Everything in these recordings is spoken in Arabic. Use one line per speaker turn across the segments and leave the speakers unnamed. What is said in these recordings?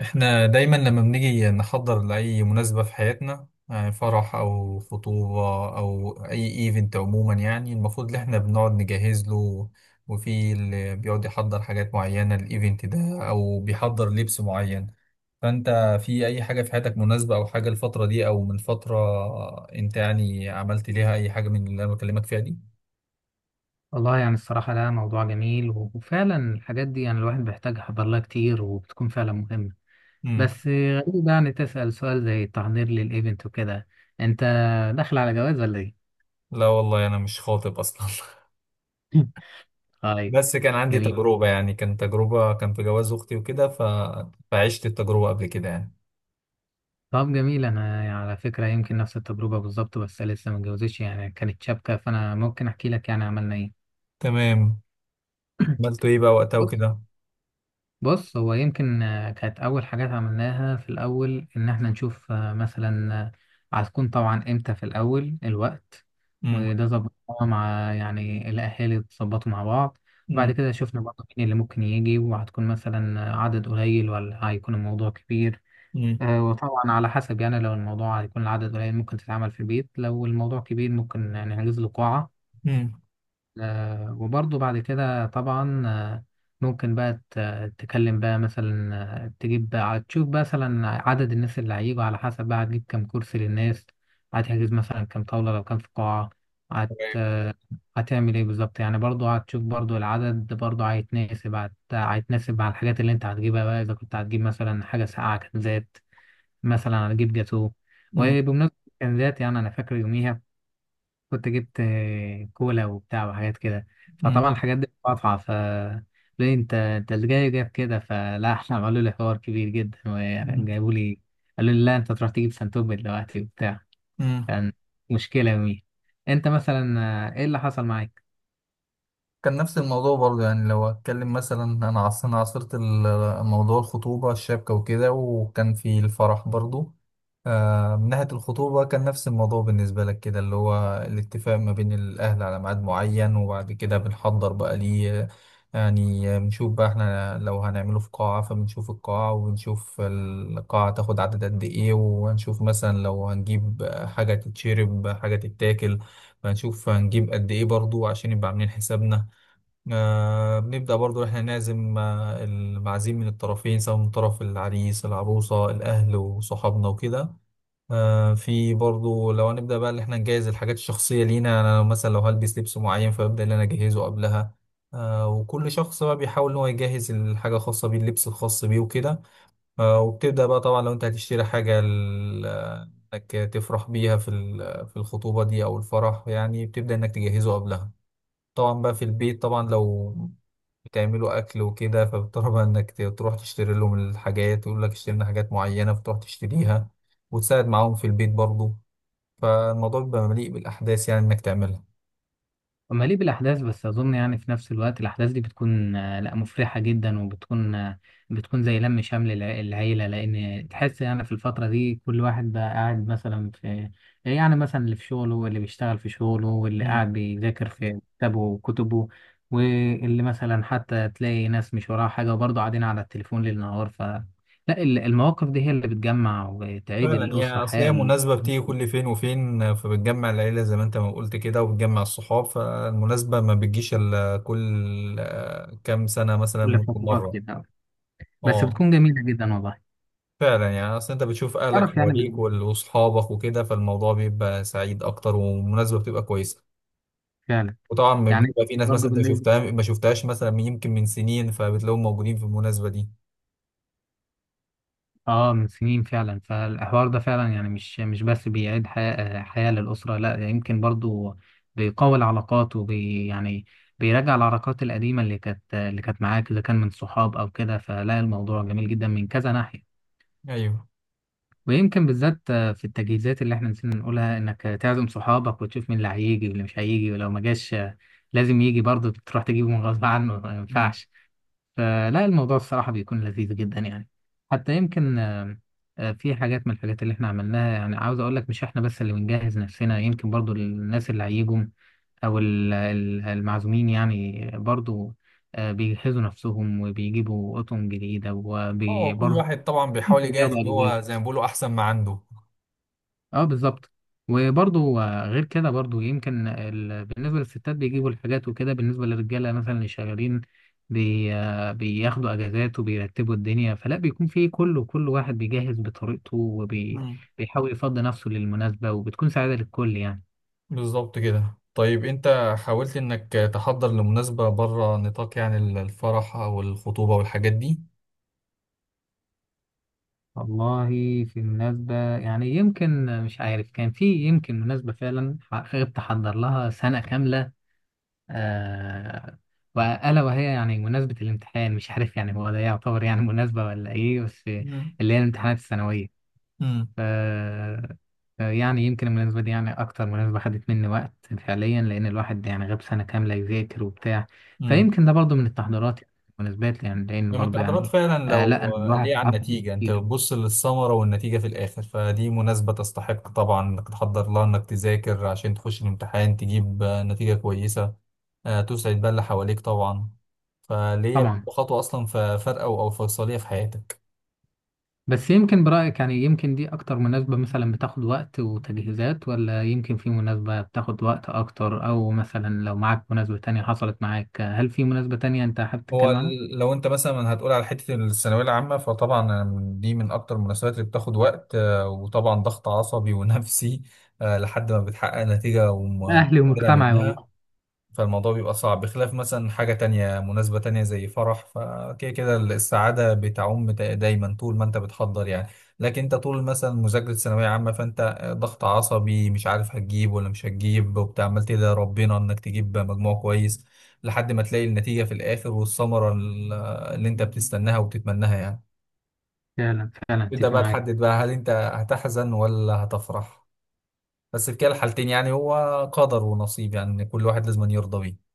احنا دايما لما بنيجي نحضر لأي مناسبة في حياتنا، يعني فرح أو خطوبة أو أي ايفنت عموما، يعني المفروض إن احنا بنقعد نجهز له، وفي اللي بيقعد يحضر حاجات معينة للايفنت ده أو بيحضر لبس معين. فأنت في أي حاجة في حياتك مناسبة أو حاجة الفترة دي أو من فترة، أنت يعني عملت ليها أي حاجة من اللي أنا بكلمك فيها دي؟
والله يعني الصراحة ده موضوع جميل وفعلا الحاجات دي يعني الواحد بيحتاجها بالله كتير وبتكون فعلا مهمة.
مم.
بس غريب يعني تسأل سؤال زي التحضير للإيفنت وكده، أنت داخل على جواز ولا إيه؟
لا والله أنا مش خاطب أصلا.
طيب،
بس كان عندي
جميل.
تجربة، يعني كان في جواز أختي وكده. فعشت التجربة قبل كده يعني.
طب جميل، أنا يعني على فكرة يمكن نفس التجربة بالظبط بس لسه ما اتجوزتش، يعني كانت شابكة فأنا ممكن أحكي لك يعني عملنا إيه.
تمام. عملت إيه بقى وقتها وكده.
بص، هو يمكن كانت أول حاجات عملناها في الأول إن إحنا نشوف، مثلا هتكون طبعا إمتى في الأول الوقت،
مم.
وده ظبطناه مع يعني الأهالي، اتظبطوا مع بعض. بعد
مم.
كده شفنا برضه مين اللي ممكن يجي، وهتكون مثلا عدد قليل ولا هيكون الموضوع كبير.
مم.
وطبعا على حسب، يعني لو الموضوع هيكون العدد قليل ممكن تتعمل في البيت، لو الموضوع كبير ممكن نحجز له قاعة.
مم.
وبرضه بعد كده طبعا ممكن بقى تكلم بقى مثلا، تجيب بقى تشوف بقى مثلا عدد الناس اللي هيجوا، على حسب بقى هتجيب كام كرسي للناس، هتحجز مثلا كام طاولة لو كان في قاعة. هت
تمام.
آه، هتعمل ايه بالظبط؟ يعني برضه هتشوف برضه العدد برضه هيتناسب، هيتناسب مع الحاجات اللي انت هتجيبها بقى، اذا كنت هتجيب مثلا حاجة ساقعة، كنزات مثلا، هتجيب جاتوه.
مم.
وبمناسبة الكنزات، يعني انا فاكر يوميها كنت جبت كولا وبتاع وحاجات كده. فطبعا
مم.
الحاجات دي مقاطعة، ف ليه انت، اللي جاي جايب كده؟ فلا، احنا عملوا لي حوار كبير جدا وجابوا لي، قالوا لي لا انت تروح تجيب سنتوب دلوقتي وبتاع.
مم.
كان مشكلة يومي. انت مثلا ايه اللي حصل معاك؟
كان نفس الموضوع برضه، يعني لو اتكلم مثلا، انا عاصرت موضوع الخطوبة الشبكة وكده، وكان في الفرح برضه. من ناحية الخطوبة كان نفس الموضوع بالنسبة لك كده، اللي هو الاتفاق ما بين الأهل على ميعاد معين، وبعد كده بنحضر بقى ليه. يعني بنشوف بقى احنا لو هنعمله في قاعة، فبنشوف القاعة، وبنشوف القاعة تاخد عدد قد ايه، وهنشوف مثلا لو هنجيب حاجة تتشرب حاجة تتاكل، فنشوف هنجيب قد ايه برضو عشان يبقى عاملين حسابنا. بنبدأ برضو إحنا نعزم المعازيم من الطرفين، سواء من طرف العريس العروسة الأهل وصحابنا وكده. في برضو لو هنبدأ بقى إن إحنا نجهز الحاجات الشخصية لينا، يعني أنا لو مثلا لو هلبس لبس معين فببدأ إن أنا أجهزه قبلها. وكل شخص بقى بيحاول إن هو يجهز الحاجة الخاصة بيه، اللبس الخاص بيه وكده. وبتبدأ بقى طبعا لو أنت هتشتري حاجة إنك تفرح بيها في في الخطوبة دي أو الفرح، يعني بتبدأ إنك تجهزه قبلها. طبعا بقى في البيت، طبعا لو بتعملوا اكل وكده، فبتضطر بقى انك تروح تشتري لهم الحاجات، يقول لك اشتري لنا حاجات معينه فتروح تشتريها، وتساعد معاهم في البيت برضو. فالموضوع بيبقى مليء بالاحداث، يعني انك تعملها.
مليء بالأحداث، بس أظن يعني في نفس الوقت الأحداث دي بتكون، لا مفرحة جدا، وبتكون آه، بتكون زي لم شمل العيلة، لأن تحس يعني في الفترة دي كل واحد بقى قاعد مثلا في، يعني مثلا اللي في شغله، واللي بيشتغل في شغله، واللي
مم.
قاعد بيذاكر في كتابه وكتبه، واللي مثلا حتى تلاقي ناس مش وراها حاجة وبرضه قاعدين على التليفون ليل نهار. ف لا، المواقف دي هي اللي بتجمع وتعيد
فعلا، هي
الأسرة
اصل
حياة
هي
ال-
مناسبه بتيجي كل فين وفين، فبتجمع العيله زي ما انت ما قلت كده، وبتجمع الصحاب، فالمناسبه ما بتجيش الا كل كام سنه مثلا
كل
ممكن
فترات
مره.
كده، بس
اه،
بتكون جميلة جدا والله.
فعلا، يعني اصل انت بتشوف اهلك
تعرف
حواليك
يعني،
واصحابك وكده، فالموضوع بيبقى سعيد اكتر، والمناسبه بتبقى كويسه.
فعلا
وطبعا
يعني
بيبقى في ناس مثلا
برضه
انت ما
بالنسبة،
شفتها ما شفتهاش مثلا يمكن من سنين، فبتلاقيهم موجودين في المناسبه دي.
اه من سنين فعلا، فالحوار ده فعلا يعني مش بس بيعيد حياة للأسرة، لا يمكن برضه بيقوي العلاقات يعني بيراجع العلاقات القديمة اللي كانت معاك، إذا كان من صحاب أو كده. فلا الموضوع جميل جدا من كذا ناحية.
ايوه.
ويمكن بالذات في التجهيزات اللي احنا نسينا نقولها، إنك تعزم صحابك وتشوف مين اللي هيجي واللي مش هيجي، ولو ما جاش لازم يجي برضه تروح تجيبه من غصب عنه، ما
امم.
ينفعش. فلا الموضوع الصراحة بيكون لذيذ جدا يعني. حتى يمكن في حاجات من الحاجات اللي احنا عملناها، يعني عاوز اقول لك مش احنا بس اللي بنجهز نفسنا، يمكن برضو الناس اللي هيجوا او المعزومين يعني برضو بيجهزوا نفسهم وبيجيبوا اطقم جديدة،
اه، كل
وبرضو
واحد طبعا بيحاول
يمكن
يجهز
بياخدوا
اللي
أجهزة.
هو زي ما بيقولوا احسن ما عنده.
اه بالظبط. وبرضه غير كده برضه يمكن بالنسبة للستات بيجيبوا الحاجات وكده، بالنسبة للرجالة مثلا اللي شغالين بي... آه، بياخدوا اجازات وبيرتبوا الدنيا. فلا بيكون في كله، كل واحد بيجهز بطريقته
امم.
وبيحاول يفضي نفسه للمناسبة، وبتكون سعادة للكل يعني.
بالظبط كده. طيب انت حاولت انك تحضر لمناسبه بره نطاق، يعني الفرح او الخطوبه والحاجات دي.
والله في مناسبة يعني، يمكن مش عارف، كان في يمكن مناسبة فعلا حقيقة بتحضر لها سنة كاملة. آه وألا وهي يعني مناسبة الامتحان، مش عارف يعني هو ده يعتبر يعني مناسبة ولا إيه، بس
امم.
اللي هي الامتحانات الثانوية. ف يعني يمكن المناسبة دي يعني أكتر مناسبة خدت مني وقت فعليا، لأن الواحد يعني غاب سنة كاملة يذاكر وبتاع.
امم.
فيمكن ده برضو من التحضيرات يعني، المناسبات يعني، لأن
لما
برضو
التحضيرات
يعني،
فعلا
آه لا أنا
لو ليه
الواحد
على
عارف ناس
النتيجة، انت
كتير.
بتبص للثمرة والنتيجة في الآخر، فدي مناسبة تستحق طبعا انك تحضر لها، انك تذاكر عشان تخش الامتحان تجيب نتيجة كويسة. تسعد بقى اللي حواليك طبعا. فليه
طبعا.
بتبقى خطوة أصلا فارقة أو فيصلية في حياتك.
بس يمكن برأيك يعني، يمكن دي أكتر مناسبة مثلا بتاخد وقت وتجهيزات، ولا يمكن في مناسبة بتاخد وقت أكتر، أو مثلا لو معاك مناسبة تانية حصلت معاك، هل في مناسبة تانية أنت حابب
هو
تتكلم عنها؟
لو انت مثلا هتقول على حتة الثانوية العامة فطبعا دي من أكتر المناسبات اللي بتاخد وقت، وطبعا ضغط عصبي ونفسي، لحد ما بتحقق نتيجة
أهلي
ومثمرة
ومجتمعي
منها.
والله.
فالموضوع بيبقى صعب بخلاف مثلا حاجة تانية، مناسبة تانية زي فرح، فكده كده السعادة بتعم دايما طول ما انت بتحضر يعني. لكن انت طول مثلا مذاكرة ثانوية عامة، فانت ضغط عصبي، مش عارف هتجيب ولا مش هتجيب، وبتعمل تدعي ربنا انك تجيب مجموع كويس، لحد ما تلاقي النتيجة في الآخر والثمرة اللي انت بتستناها وبتتمناها يعني.
فعلا فعلا
تبدأ
أتفق
بقى
معاك.
تحدد بقى هل انت هتحزن ولا هتفرح، بس في كلا الحالتين يعني هو قدر ونصيب، يعني كل واحد لازم يرضى بيه.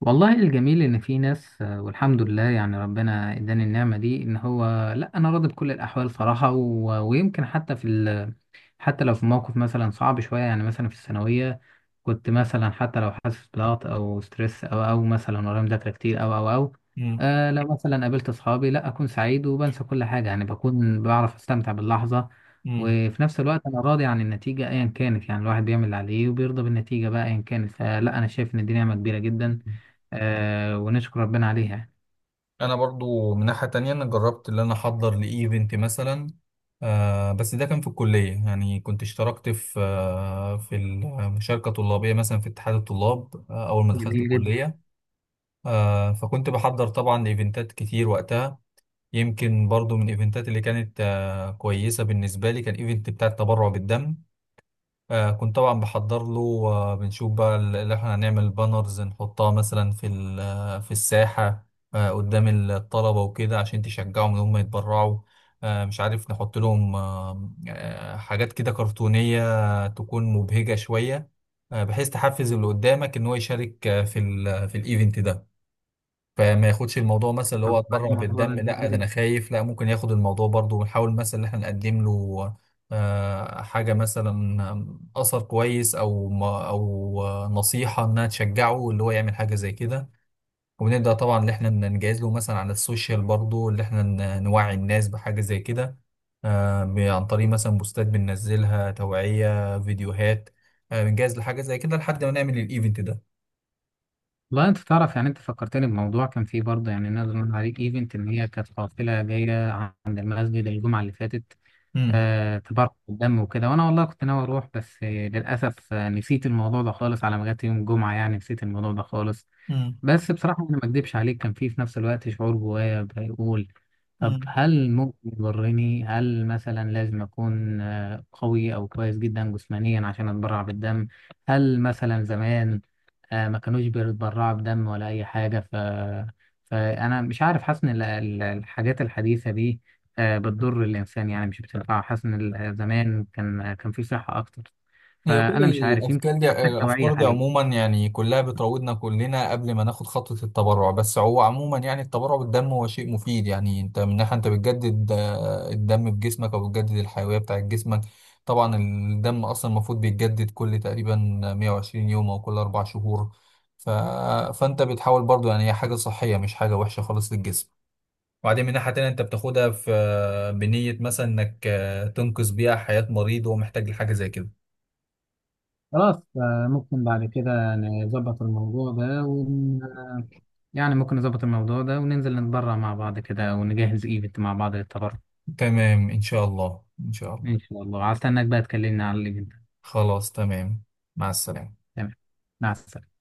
والله الجميل إن في ناس، والحمد لله يعني ربنا إداني النعمة دي إن هو، لأ أنا راضي بكل الأحوال صراحة. ويمكن حتى حتى لو في موقف مثلا صعب شوية، يعني مثلا في الثانوية كنت مثلا حتى لو حاسس بضغط او ستريس او مثلا ورايا مذاكره كتير او
مم.
آه لو مثلا قابلت اصحابي لا اكون سعيد وبنسى كل حاجه، يعني بكون بعرف استمتع باللحظه. وفي نفس الوقت انا راضي عن النتيجه ايا كانت، يعني الواحد بيعمل اللي عليه وبيرضى بالنتيجه بقى ايا كانت. فلا انا شايف ان دي نعمه كبيره جدا،
مم.
آه ونشكر ربنا عليها يعني.
انا برضو من ناحية تانية، انا جربت اللي انا احضر لايفنت مثلا، بس ده كان في الكلية، يعني كنت اشتركت في في المشاركة طلابية مثلا في اتحاد الطلاب، اول ما دخلت
جميل جدا.
الكلية. فكنت بحضر طبعا لايفنتات كتير وقتها. يمكن برضو من الايفنتات اللي كانت كويسة بالنسبة لي كان ايفنت بتاع التبرع بالدم. كنت طبعا بحضر له. بنشوف بقى اللي احنا هنعمل بانرز نحطها مثلا في في الساحة، قدام الطلبة وكده عشان تشجعهم ان هم يتبرعوا. مش عارف نحط لهم حاجات كده كرتونية تكون مبهجة شوية، بحيث تحفز اللي قدامك ان هو يشارك في في الايفنت ده. فما ياخدش الموضوع مثلا اللي هو
طب
اتبرع
الموضوع
بالدم،
ده جميل
لا ده انا
جدا،
خايف، لا ممكن ياخد الموضوع برضو، ونحاول مثلا ان احنا نقدم له حاجة مثلا، أثر كويس أو نصيحة إنها تشجعه اللي هو يعمل حاجة زي كده. وبنبدأ طبعا اللي إحنا نجهز له مثلا على السوشيال برضو، اللي إحنا نوعي الناس بحاجة زي كده، عن طريق مثلا بوستات بننزلها توعية فيديوهات، بنجهز لحاجة زي كده لحد ما نعمل الإيفنت ده.
والله انت تعرف يعني، انت فكرتني بموضوع كان فيه برضه، يعني نقدر نقول عليه ايفنت، ان هي كانت قافله جايه عند المسجد الجمعه اللي فاتت،
مم.
تبرع بالدم وكده. وانا والله كنت ناوي اروح، بس للاسف نسيت الموضوع ده خالص، على ما جت يوم الجمعه يعني نسيت الموضوع ده خالص.
مم.
بس بصراحه انا ما اكدبش عليك، كان في نفس الوقت شعور جوايا بيقول، طب
مم.
هل ممكن يضرني؟ هل مثلا لازم اكون قوي او كويس جدا جسمانيا عشان اتبرع بالدم؟ هل مثلا زمان ما كانوش بيتبرعوا بدم ولا اي حاجه؟ ف فانا مش عارف، حاسس ان الحاجات الحديثه دي بتضر الانسان يعني مش بتنفعه، حاسس ان زمان كان في صحه اكتر.
هي كل
فانا مش عارف، يمكن
الافكار دي
محتاج توعيه حاليا.
عموما يعني كلها بتراودنا كلنا قبل ما ناخد خطوه التبرع. بس هو عموما يعني التبرع بالدم هو شيء مفيد، يعني انت من ناحيه انت بتجدد الدم في جسمك او بتجدد الحيويه بتاعت جسمك. طبعا الدم اصلا المفروض بيتجدد كل تقريبا 120 يوم او كل اربع شهور. ف... فانت بتحاول برضو، يعني هي حاجه صحيه مش حاجه وحشه خالص للجسم. وبعدين من ناحية تانية، انت بتاخدها في بنية مثلا انك تنقذ بيها حياة مريض وهو محتاج لحاجة زي كده.
خلاص ممكن بعد كده نظبط الموضوع ده ون... آه، يعني ممكن نظبط الموضوع ده وننزل نتبرع مع بعض كده ونجهز ايفنت مع بعض للتبرع.
تمام، إن شاء الله إن شاء الله.
ان شاء الله هستناك بقى تكلمني على الايفنت.
خلاص تمام. مع السلامة.
تمام، مع السلامه.